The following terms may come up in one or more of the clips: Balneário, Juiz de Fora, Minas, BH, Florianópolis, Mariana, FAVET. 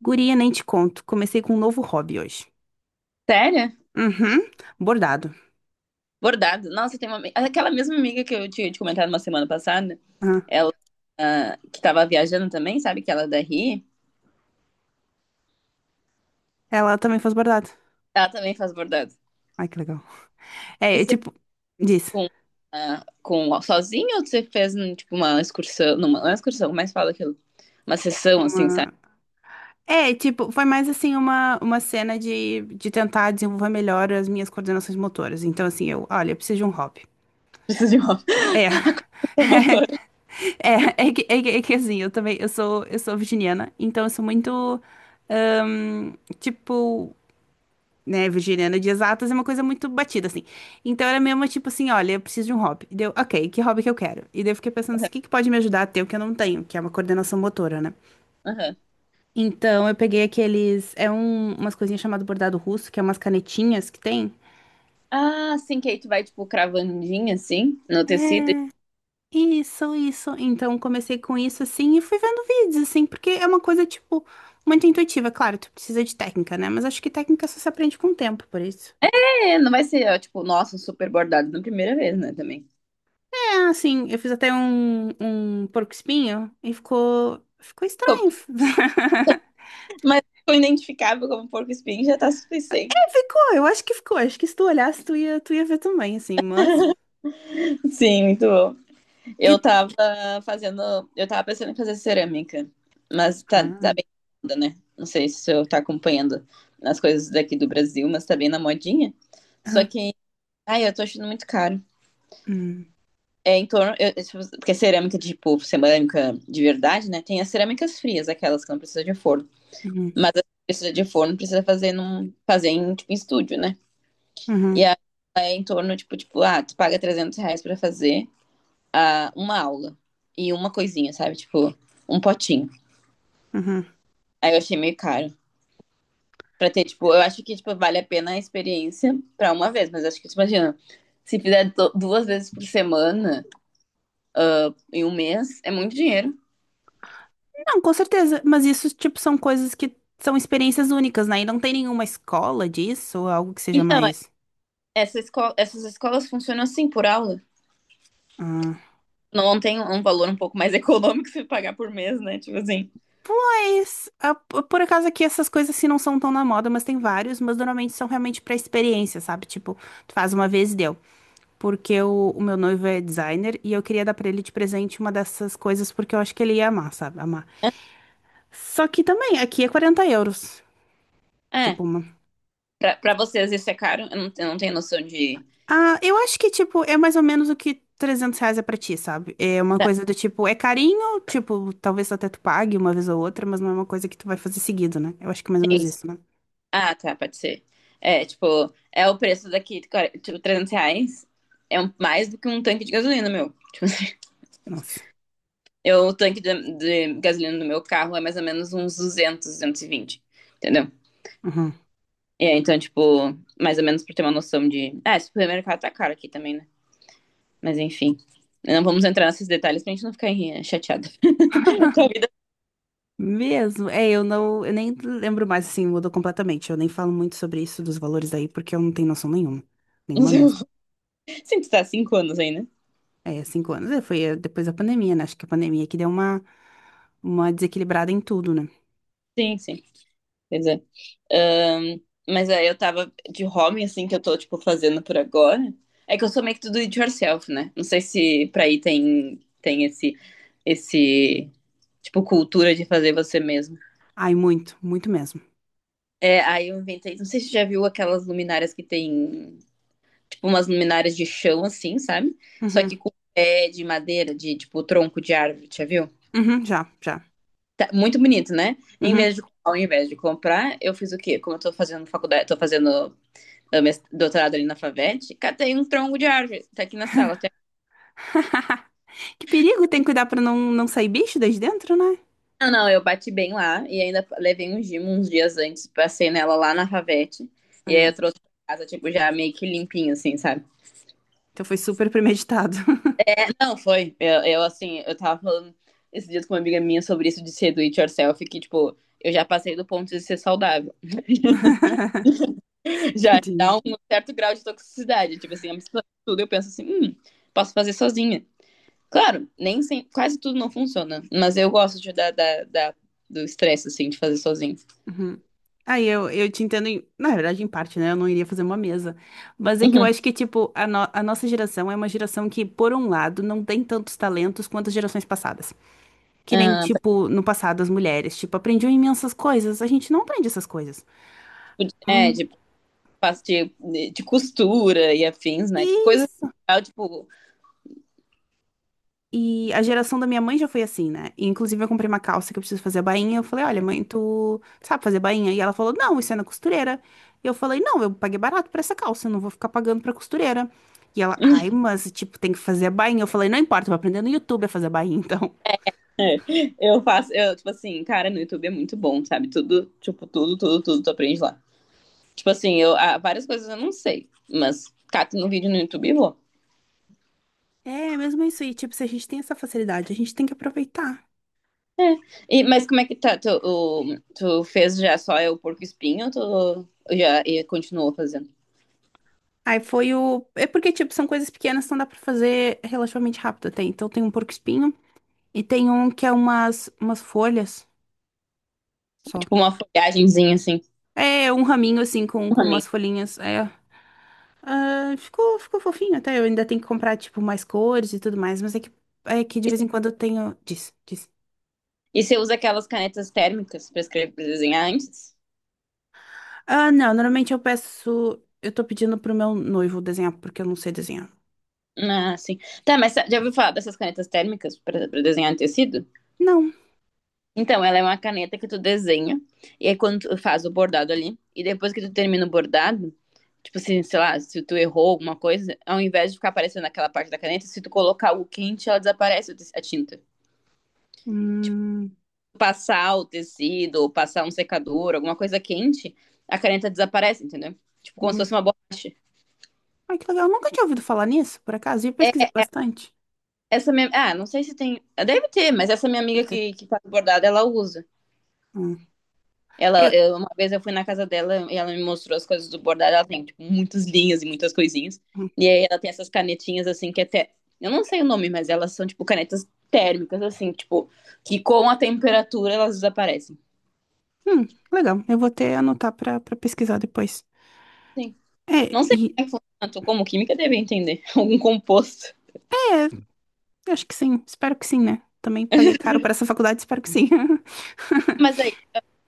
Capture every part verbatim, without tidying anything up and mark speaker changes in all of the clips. Speaker 1: Guria, nem te conto. Comecei com um novo hobby hoje.
Speaker 2: Sério?
Speaker 1: Uhum. Bordado.
Speaker 2: Bordado. Nossa, tem uma. ami- Aquela mesma amiga que eu tinha te comentado uma semana passada,
Speaker 1: Aham.
Speaker 2: ela ah, que tava viajando também, sabe? Que ela é da R I,
Speaker 1: Ela também faz bordado.
Speaker 2: ela também faz bordado.
Speaker 1: Ai, que legal.
Speaker 2: E
Speaker 1: É, é
Speaker 2: você
Speaker 1: tipo, diz.
Speaker 2: com, ah, com sozinha ou você fez hum, tipo uma excursão? Não, uma excursão, como é que fala aquilo? Uma sessão, assim, sabe?
Speaker 1: Uma... É, tipo, foi mais assim uma, uma cena de, de tentar desenvolver melhor as minhas coordenações motoras. Então, assim, eu, olha, eu preciso de um hobby.
Speaker 2: Preciso de uma,
Speaker 1: É.
Speaker 2: uma motora.
Speaker 1: É, é que, é que, é que assim, eu também, eu sou, eu sou virginiana, então eu sou muito, ahn, tipo, né, virginiana de exatas é uma coisa muito batida, assim. Então era mesmo tipo assim, olha, eu preciso de um hobby. E deu, ok, que hobby que eu quero? E daí eu fiquei pensando assim, o que que pode me ajudar a ter o que eu não tenho, que é uma coordenação motora, né?
Speaker 2: Aham.
Speaker 1: Então eu peguei aqueles, é um, umas coisinhas chamado bordado russo, que é umas canetinhas que tem.
Speaker 2: Ah, sim, que aí tu vai, tipo, cravandinha, assim, no tecido.
Speaker 1: Isso, isso. Então comecei com isso assim e fui vendo vídeos, assim, porque é uma coisa, tipo, muito intuitiva. Claro, tu precisa de técnica, né? Mas acho que técnica só se aprende com o tempo, por isso.
Speaker 2: É, não vai ser, ó, tipo, nossa, um super bordado na primeira vez, né, também.
Speaker 1: É, assim, eu fiz até um, um porco-espinho e ficou, ficou estranho.
Speaker 2: Mas foi identificável como porco-espinho, já tá suficiente.
Speaker 1: É, ficou, eu acho que ficou. Acho que se tu olhasse, tu ia, tu ia ver também, assim, mas...
Speaker 2: Sim, muito bom.
Speaker 1: E...
Speaker 2: Eu tava fazendo. Eu tava pensando em fazer cerâmica, mas tá, tá
Speaker 1: Ah,
Speaker 2: bem na moda, né? Não sei se eu tá acompanhando as coisas daqui do Brasil, mas tá bem na modinha. Só
Speaker 1: ah,
Speaker 2: que, ai, eu tô achando muito caro.
Speaker 1: hum,
Speaker 2: É em torno. Eu- eu- porque cerâmica, tipo, cerâmica de verdade, né? Tem as cerâmicas frias, aquelas que não precisa de forno.
Speaker 1: uhum,
Speaker 2: Mas as que precisa de forno, precisa fazer, num, fazer em, tipo, em estúdio, né? E
Speaker 1: uhum,
Speaker 2: aí é em torno, tipo, tipo, ah, tu paga trezentos reais pra fazer. Ah, uma aula e uma coisinha, sabe? Tipo, um potinho.
Speaker 1: uhum.
Speaker 2: Aí eu achei meio caro. Pra ter, tipo, eu acho que, tipo, vale a pena a experiência pra uma vez, mas acho que, tipo, imagina, se fizer do- duas vezes por semana em um mês, é muito dinheiro.
Speaker 1: Não, com certeza, mas isso, tipo, são coisas que são experiências únicas, né? E não tem nenhuma escola disso, ou algo que seja
Speaker 2: Então, é-
Speaker 1: mais...
Speaker 2: essa esco- essas escolas funcionam assim, por aula.
Speaker 1: Ah.
Speaker 2: Não tem um valor um pouco mais econômico se pagar por mês, né? Tipo assim.
Speaker 1: Pois, ah, p- por acaso aqui essas coisas assim não são tão na moda, mas tem vários, mas normalmente são realmente pra experiência, sabe? Tipo, tu faz uma vez e deu, porque o, o meu noivo é designer e eu queria dar pra ele de presente uma dessas coisas porque eu acho que ele ia amar, sabe? Amar. Só que também, aqui é quarenta euros.
Speaker 2: É,
Speaker 1: Tipo, uma.
Speaker 2: pra, pra vocês isso é caro? Eu não, eu não tenho noção de...
Speaker 1: Ah, eu acho que, tipo, é mais ou menos o que trezentos reais é pra ti, sabe? É uma
Speaker 2: Tá,
Speaker 1: coisa do tipo, é carinho, tipo, talvez até tu pague uma vez ou outra, mas não é uma coisa que tu vai fazer seguido, né? Eu acho que é mais ou menos
Speaker 2: sim,
Speaker 1: isso, né?
Speaker 2: ah, tá, pode ser. É, tipo, é o preço daqui, cara, tipo, trezentos reais. É um- mais do que um tanque de gasolina, meu. Tipo, assim,
Speaker 1: Nossa.
Speaker 2: eu, o tanque de, de gasolina do meu carro é mais ou menos uns duzentos, duzentos e vinte, entendeu?
Speaker 1: Uhum.
Speaker 2: E aí, então, tipo, mais ou menos pra ter uma noção de... Ah, esse supermercado tá caro aqui também, né? Mas enfim, não vamos entrar nesses detalhes pra gente não ficar eh, chateada. Tua vida,
Speaker 1: Mesmo, é, eu não, eu nem lembro mais, assim, mudou completamente. Eu nem falo muito sobre isso dos valores aí, porque eu não tenho noção nenhuma,
Speaker 2: não
Speaker 1: nenhuma
Speaker 2: sei,
Speaker 1: mesmo.
Speaker 2: sim, tu tá há cinco anos aí, né?
Speaker 1: É, cinco anos. É, foi eh, depois da pandemia, né? Acho que a pandemia que deu uma, uma desequilibrada em tudo, né?
Speaker 2: Sim, sim, pois é. Ahn, mas aí eu tava de home, assim, que eu tô, tipo, fazendo por agora. É que eu sou meio que tudo it yourself, né? Não sei se pra aí tem, tem esse, esse, tipo, cultura de fazer você mesmo.
Speaker 1: Ai, muito, muito mesmo.
Speaker 2: É, aí eu inventei, não sei se você já viu aquelas luminárias que tem, tipo, umas luminárias de chão, assim, sabe? Só
Speaker 1: Uhum,
Speaker 2: que com pé de madeira, de, tipo, tronco de árvore, já viu?
Speaker 1: uhum, já, já.
Speaker 2: Tá muito bonito, né? Em vez
Speaker 1: Uhum.
Speaker 2: de, ao invés de comprar, eu fiz o quê? Como eu tô fazendo faculdade, tô fazendo doutorado ali na FAVET, catei um tronco de árvore, tá aqui na sala. Tá?
Speaker 1: Que perigo, tem que cuidar pra não, não sair bicho desde dentro, né?
Speaker 2: Não, não, eu bati bem lá e ainda levei um gimo uns dias antes, passei nela lá na FAVET, e aí
Speaker 1: É.
Speaker 2: eu trouxe pra casa, tipo, já meio que limpinho, assim, sabe?
Speaker 1: Então foi super premeditado.
Speaker 2: Não, foi. Eu, eu assim, eu tava falando esses dias com uma amiga minha sobre isso de ser do it yourself, que, tipo, eu já passei do ponto de ser saudável. Já
Speaker 1: Tadinho.
Speaker 2: dá um certo grau de toxicidade. Tipo assim, a mistura de tudo, eu penso assim, hum, posso fazer sozinha. Claro, nem sem- quase tudo não funciona, mas eu gosto de, dar da, da- do estresse, assim, de fazer sozinho.
Speaker 1: Uhum. Aí eu, eu te entendo, em- na verdade, em parte, né? Eu não iria fazer uma mesa. Mas é que eu
Speaker 2: Uhum.
Speaker 1: acho que, tipo, a, no- a nossa geração é uma geração que, por um lado, não tem tantos talentos quanto as gerações passadas. Que nem,
Speaker 2: Ah,
Speaker 1: tipo, no passado as mulheres, tipo, aprendiam imensas coisas. A gente não aprende essas coisas.
Speaker 2: tipo, de- é, de,
Speaker 1: Hum,
Speaker 2: faço de, de costura e afins, né? Tipo, coisa
Speaker 1: isso!
Speaker 2: legal, tipo,
Speaker 1: E a geração da minha mãe já foi assim, né? E, inclusive, eu comprei uma calça que eu preciso fazer a bainha. Eu falei, olha, mãe, tu sabe fazer bainha? E ela falou, não, isso é na costureira. E eu falei, não, eu paguei barato pra essa calça, eu não vou ficar pagando pra costureira. E ela, ai, mas, tipo, tem que fazer a bainha. Eu falei, não importa, eu vou aprender no YouTube a fazer a bainha, então.
Speaker 2: eu faço, eu, tipo assim, cara, no YouTube é muito bom, sabe? Tudo, tipo, tudo, tudo, tudo tu aprende lá. Tipo assim, eu, ah, várias coisas eu não sei, mas cato no vídeo no YouTube e vou.
Speaker 1: É, mesmo isso aí, tipo, se a gente tem essa facilidade, a gente tem que aproveitar.
Speaker 2: E, mas como é que tá? Tu, o- tu fez já só o porco-espinho ou tu já e continuou fazendo?
Speaker 1: Aí foi o. É porque, tipo, são coisas pequenas, então dá pra fazer relativamente rápido até. Então tem um porco-espinho e tem um que é umas, umas folhas só.
Speaker 2: Tipo uma folhagemzinha, assim.
Speaker 1: É um raminho, assim, com, com umas
Speaker 2: Amigo.
Speaker 1: folhinhas. É. Ah, ficou, ficou fofinho até. Eu ainda tenho que comprar, tipo, mais cores e tudo mais. Mas é que, é que de vez em quando eu tenho. Diz, diz.
Speaker 2: E você usa aquelas canetas térmicas para escrever, para desenhar antes?
Speaker 1: Ah, não. Normalmente eu peço. Eu tô pedindo pro meu noivo desenhar, porque eu não sei desenhar.
Speaker 2: Ah, sim. Tá, mas sa- já ouviu falar dessas canetas térmicas para pra desenhar em tecido?
Speaker 1: Não.
Speaker 2: Então, ela é uma caneta que tu desenha, e aí quando tu faz o bordado ali, e depois que tu termina o bordado, tipo assim, sei lá, se tu errou alguma coisa, ao invés de ficar aparecendo aquela parte da caneta, se tu colocar o quente, ela desaparece o te- a tinta.
Speaker 1: Hum.
Speaker 2: Passar o tecido, ou passar um secador, alguma coisa quente, a caneta desaparece, entendeu? Tipo, como se
Speaker 1: Uhum.
Speaker 2: fosse uma borracha.
Speaker 1: Ai, que legal. Eu nunca tinha ouvido falar nisso, por acaso. E eu pesquisei bastante.
Speaker 2: Essa minha. Ah, não sei se tem. ah, Deve ter, mas essa minha amiga
Speaker 1: Até.
Speaker 2: que, que faz bordado, ela usa.
Speaker 1: Hum.
Speaker 2: Ela,
Speaker 1: Eu...
Speaker 2: eu- uma vez eu fui na casa dela e ela me mostrou as coisas do bordado. Ela tem, tipo, muitas linhas e muitas coisinhas. E aí ela tem essas canetinhas, assim, que até. Eu não sei o nome, mas elas são, tipo, canetas térmicas, assim, tipo, que com a temperatura elas desaparecem.
Speaker 1: Hum, legal. Eu vou até anotar pra, pra pesquisar depois.
Speaker 2: Sim.
Speaker 1: É,
Speaker 2: Não sei como
Speaker 1: e...
Speaker 2: é que funciona, tu como química deve entender. Algum composto.
Speaker 1: É, eu acho que sim. Espero que sim, né? Também paguei caro pra essa faculdade, espero que sim.
Speaker 2: Mas aí,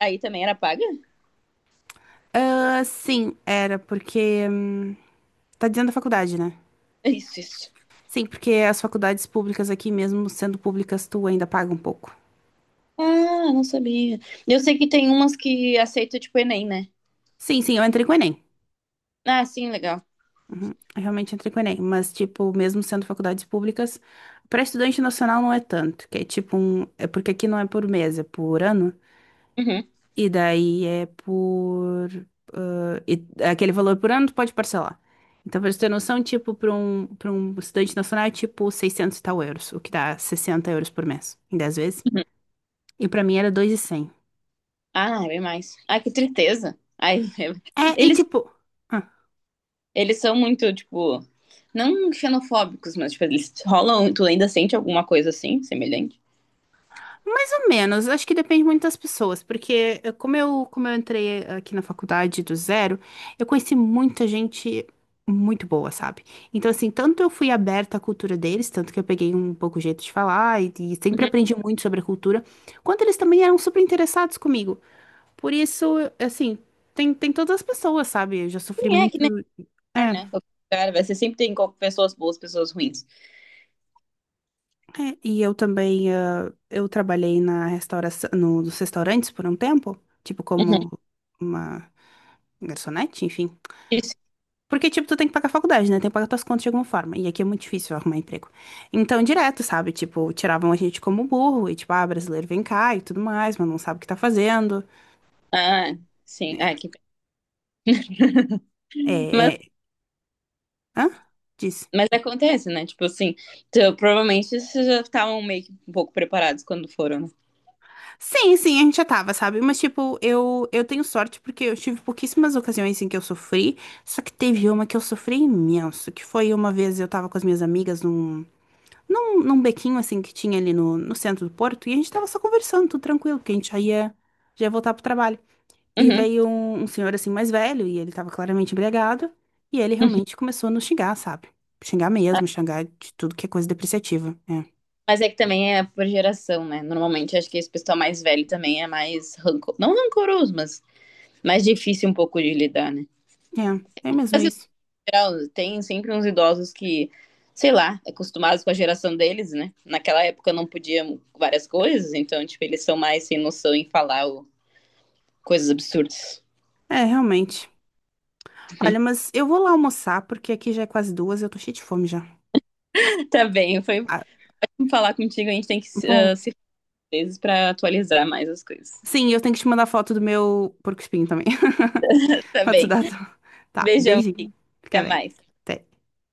Speaker 2: aí também era paga?
Speaker 1: Ah, sim, era, porque... hum, tá dizendo a faculdade, né?
Speaker 2: Isso, isso.
Speaker 1: Sim, porque as faculdades públicas aqui, mesmo sendo públicas, tu ainda paga um pouco.
Speaker 2: Ah, não sabia. Eu sei que tem umas que aceita, tipo, Enem, né?
Speaker 1: Sim, sim, eu entrei com o Enem.
Speaker 2: Ah, sim, legal.
Speaker 1: Uhum, eu realmente entrei com o Enem. Mas, tipo, mesmo sendo faculdades públicas, para estudante nacional não é tanto. Que é tipo um... É porque aqui não é por mês, é por ano.
Speaker 2: Uhum.
Speaker 1: E daí é por. Ah, e- aquele valor por ano tu pode parcelar. Então, pra você ter noção, tipo, para um, para um estudante nacional é tipo seiscentos e tal euros, o que dá sessenta euros por mês, em dez vezes. E pra mim era dois mil e cem.
Speaker 2: Ah, bem mais. Ai, que tristeza. Ai,
Speaker 1: É, e
Speaker 2: eles,
Speaker 1: tipo. ah,
Speaker 2: eles são muito, tipo, não xenofóbicos, mas, tipo, eles rolam, tu ainda sente alguma coisa assim, semelhante?
Speaker 1: Mais ou menos, acho que depende muito das pessoas, porque eh, como eu, como eu entrei eh, aqui na faculdade do zero, eu conheci muita gente muito boa, sabe? Então, assim, tanto eu fui aberta à cultura deles, tanto que eu peguei um pouco o jeito de falar e, e sempre
Speaker 2: Uhum.
Speaker 1: aprendi muito sobre a cultura, quanto eles também eram super interessados comigo. Por isso, assim, tem, tem todas as pessoas, sabe? Eu já sofri
Speaker 2: Sim, é que
Speaker 1: muito.
Speaker 2: nem lugar,
Speaker 1: É,
Speaker 2: né? Qualquer lugar, vai, você sempre tem co- pessoas boas, pessoas ruins.
Speaker 1: é, e eu também, ah, eu trabalhei na restauração, no- nos restaurantes por um tempo, tipo,
Speaker 2: Uhum.
Speaker 1: como. Uma garçonete, enfim.
Speaker 2: Isso.
Speaker 1: Porque, tipo, tu tem que pagar a faculdade, né? Tem que pagar tuas contas de alguma forma. E aqui é muito difícil arrumar emprego. Então, direto, sabe? Tipo, tiravam a gente como burro. E, tipo, ah, brasileiro vem cá e tudo mais, mas não sabe o que tá fazendo.
Speaker 2: Ah, sim. Ah, que...
Speaker 1: É,
Speaker 2: mas,
Speaker 1: é... Hã? Diz.
Speaker 2: mas acontece, né? Tipo assim, então provavelmente vocês já estavam meio que um pouco preparados quando foram, né?
Speaker 1: Sim, sim, a gente já tava, sabe? Mas, tipo, eu, eu tenho sorte porque eu tive pouquíssimas ocasiões em que eu sofri. Só que teve uma que eu sofri imenso, que foi uma vez eu tava com as minhas amigas num num, num bequinho assim que tinha ali no, no centro do Porto, e a gente tava só conversando, tudo tranquilo, porque a gente já ia, já ia voltar pro trabalho. E
Speaker 2: Uhum.
Speaker 1: veio um, um senhor assim mais velho, e ele tava claramente embriagado, e ele realmente começou a nos xingar, sabe? Xingar mesmo, xingar de tudo que é coisa depreciativa. É,
Speaker 2: Mas é que também é por geração, né? Normalmente acho que esse pessoal mais velho também é mais rancor... não rancoroso, mas mais difícil um pouco de lidar, né?
Speaker 1: é, é mesmo
Speaker 2: Mas em
Speaker 1: isso.
Speaker 2: geral, tem sempre uns idosos que, sei lá, acostumados com a geração deles, né? Naquela época não podiam várias coisas, então tipo eles são mais sem noção em falar o- coisas absurdas.
Speaker 1: É, realmente. Olha, mas eu vou lá almoçar, porque aqui já é quase duas, eu tô cheia de fome já.
Speaker 2: Tá bem, foi
Speaker 1: Ah,
Speaker 2: falar contigo, a gente tem que
Speaker 1: bom,
Speaker 2: ah, se fazer vezes para atualizar mais as coisas.
Speaker 1: sim, eu tenho que te mandar foto do meu porco-espinho também.
Speaker 2: Tá
Speaker 1: Pra tu
Speaker 2: bem.
Speaker 1: dar. a tua- Tá,
Speaker 2: Beijão,
Speaker 1: beijinho. Fica
Speaker 2: até
Speaker 1: bem.
Speaker 2: mais.
Speaker 1: Até.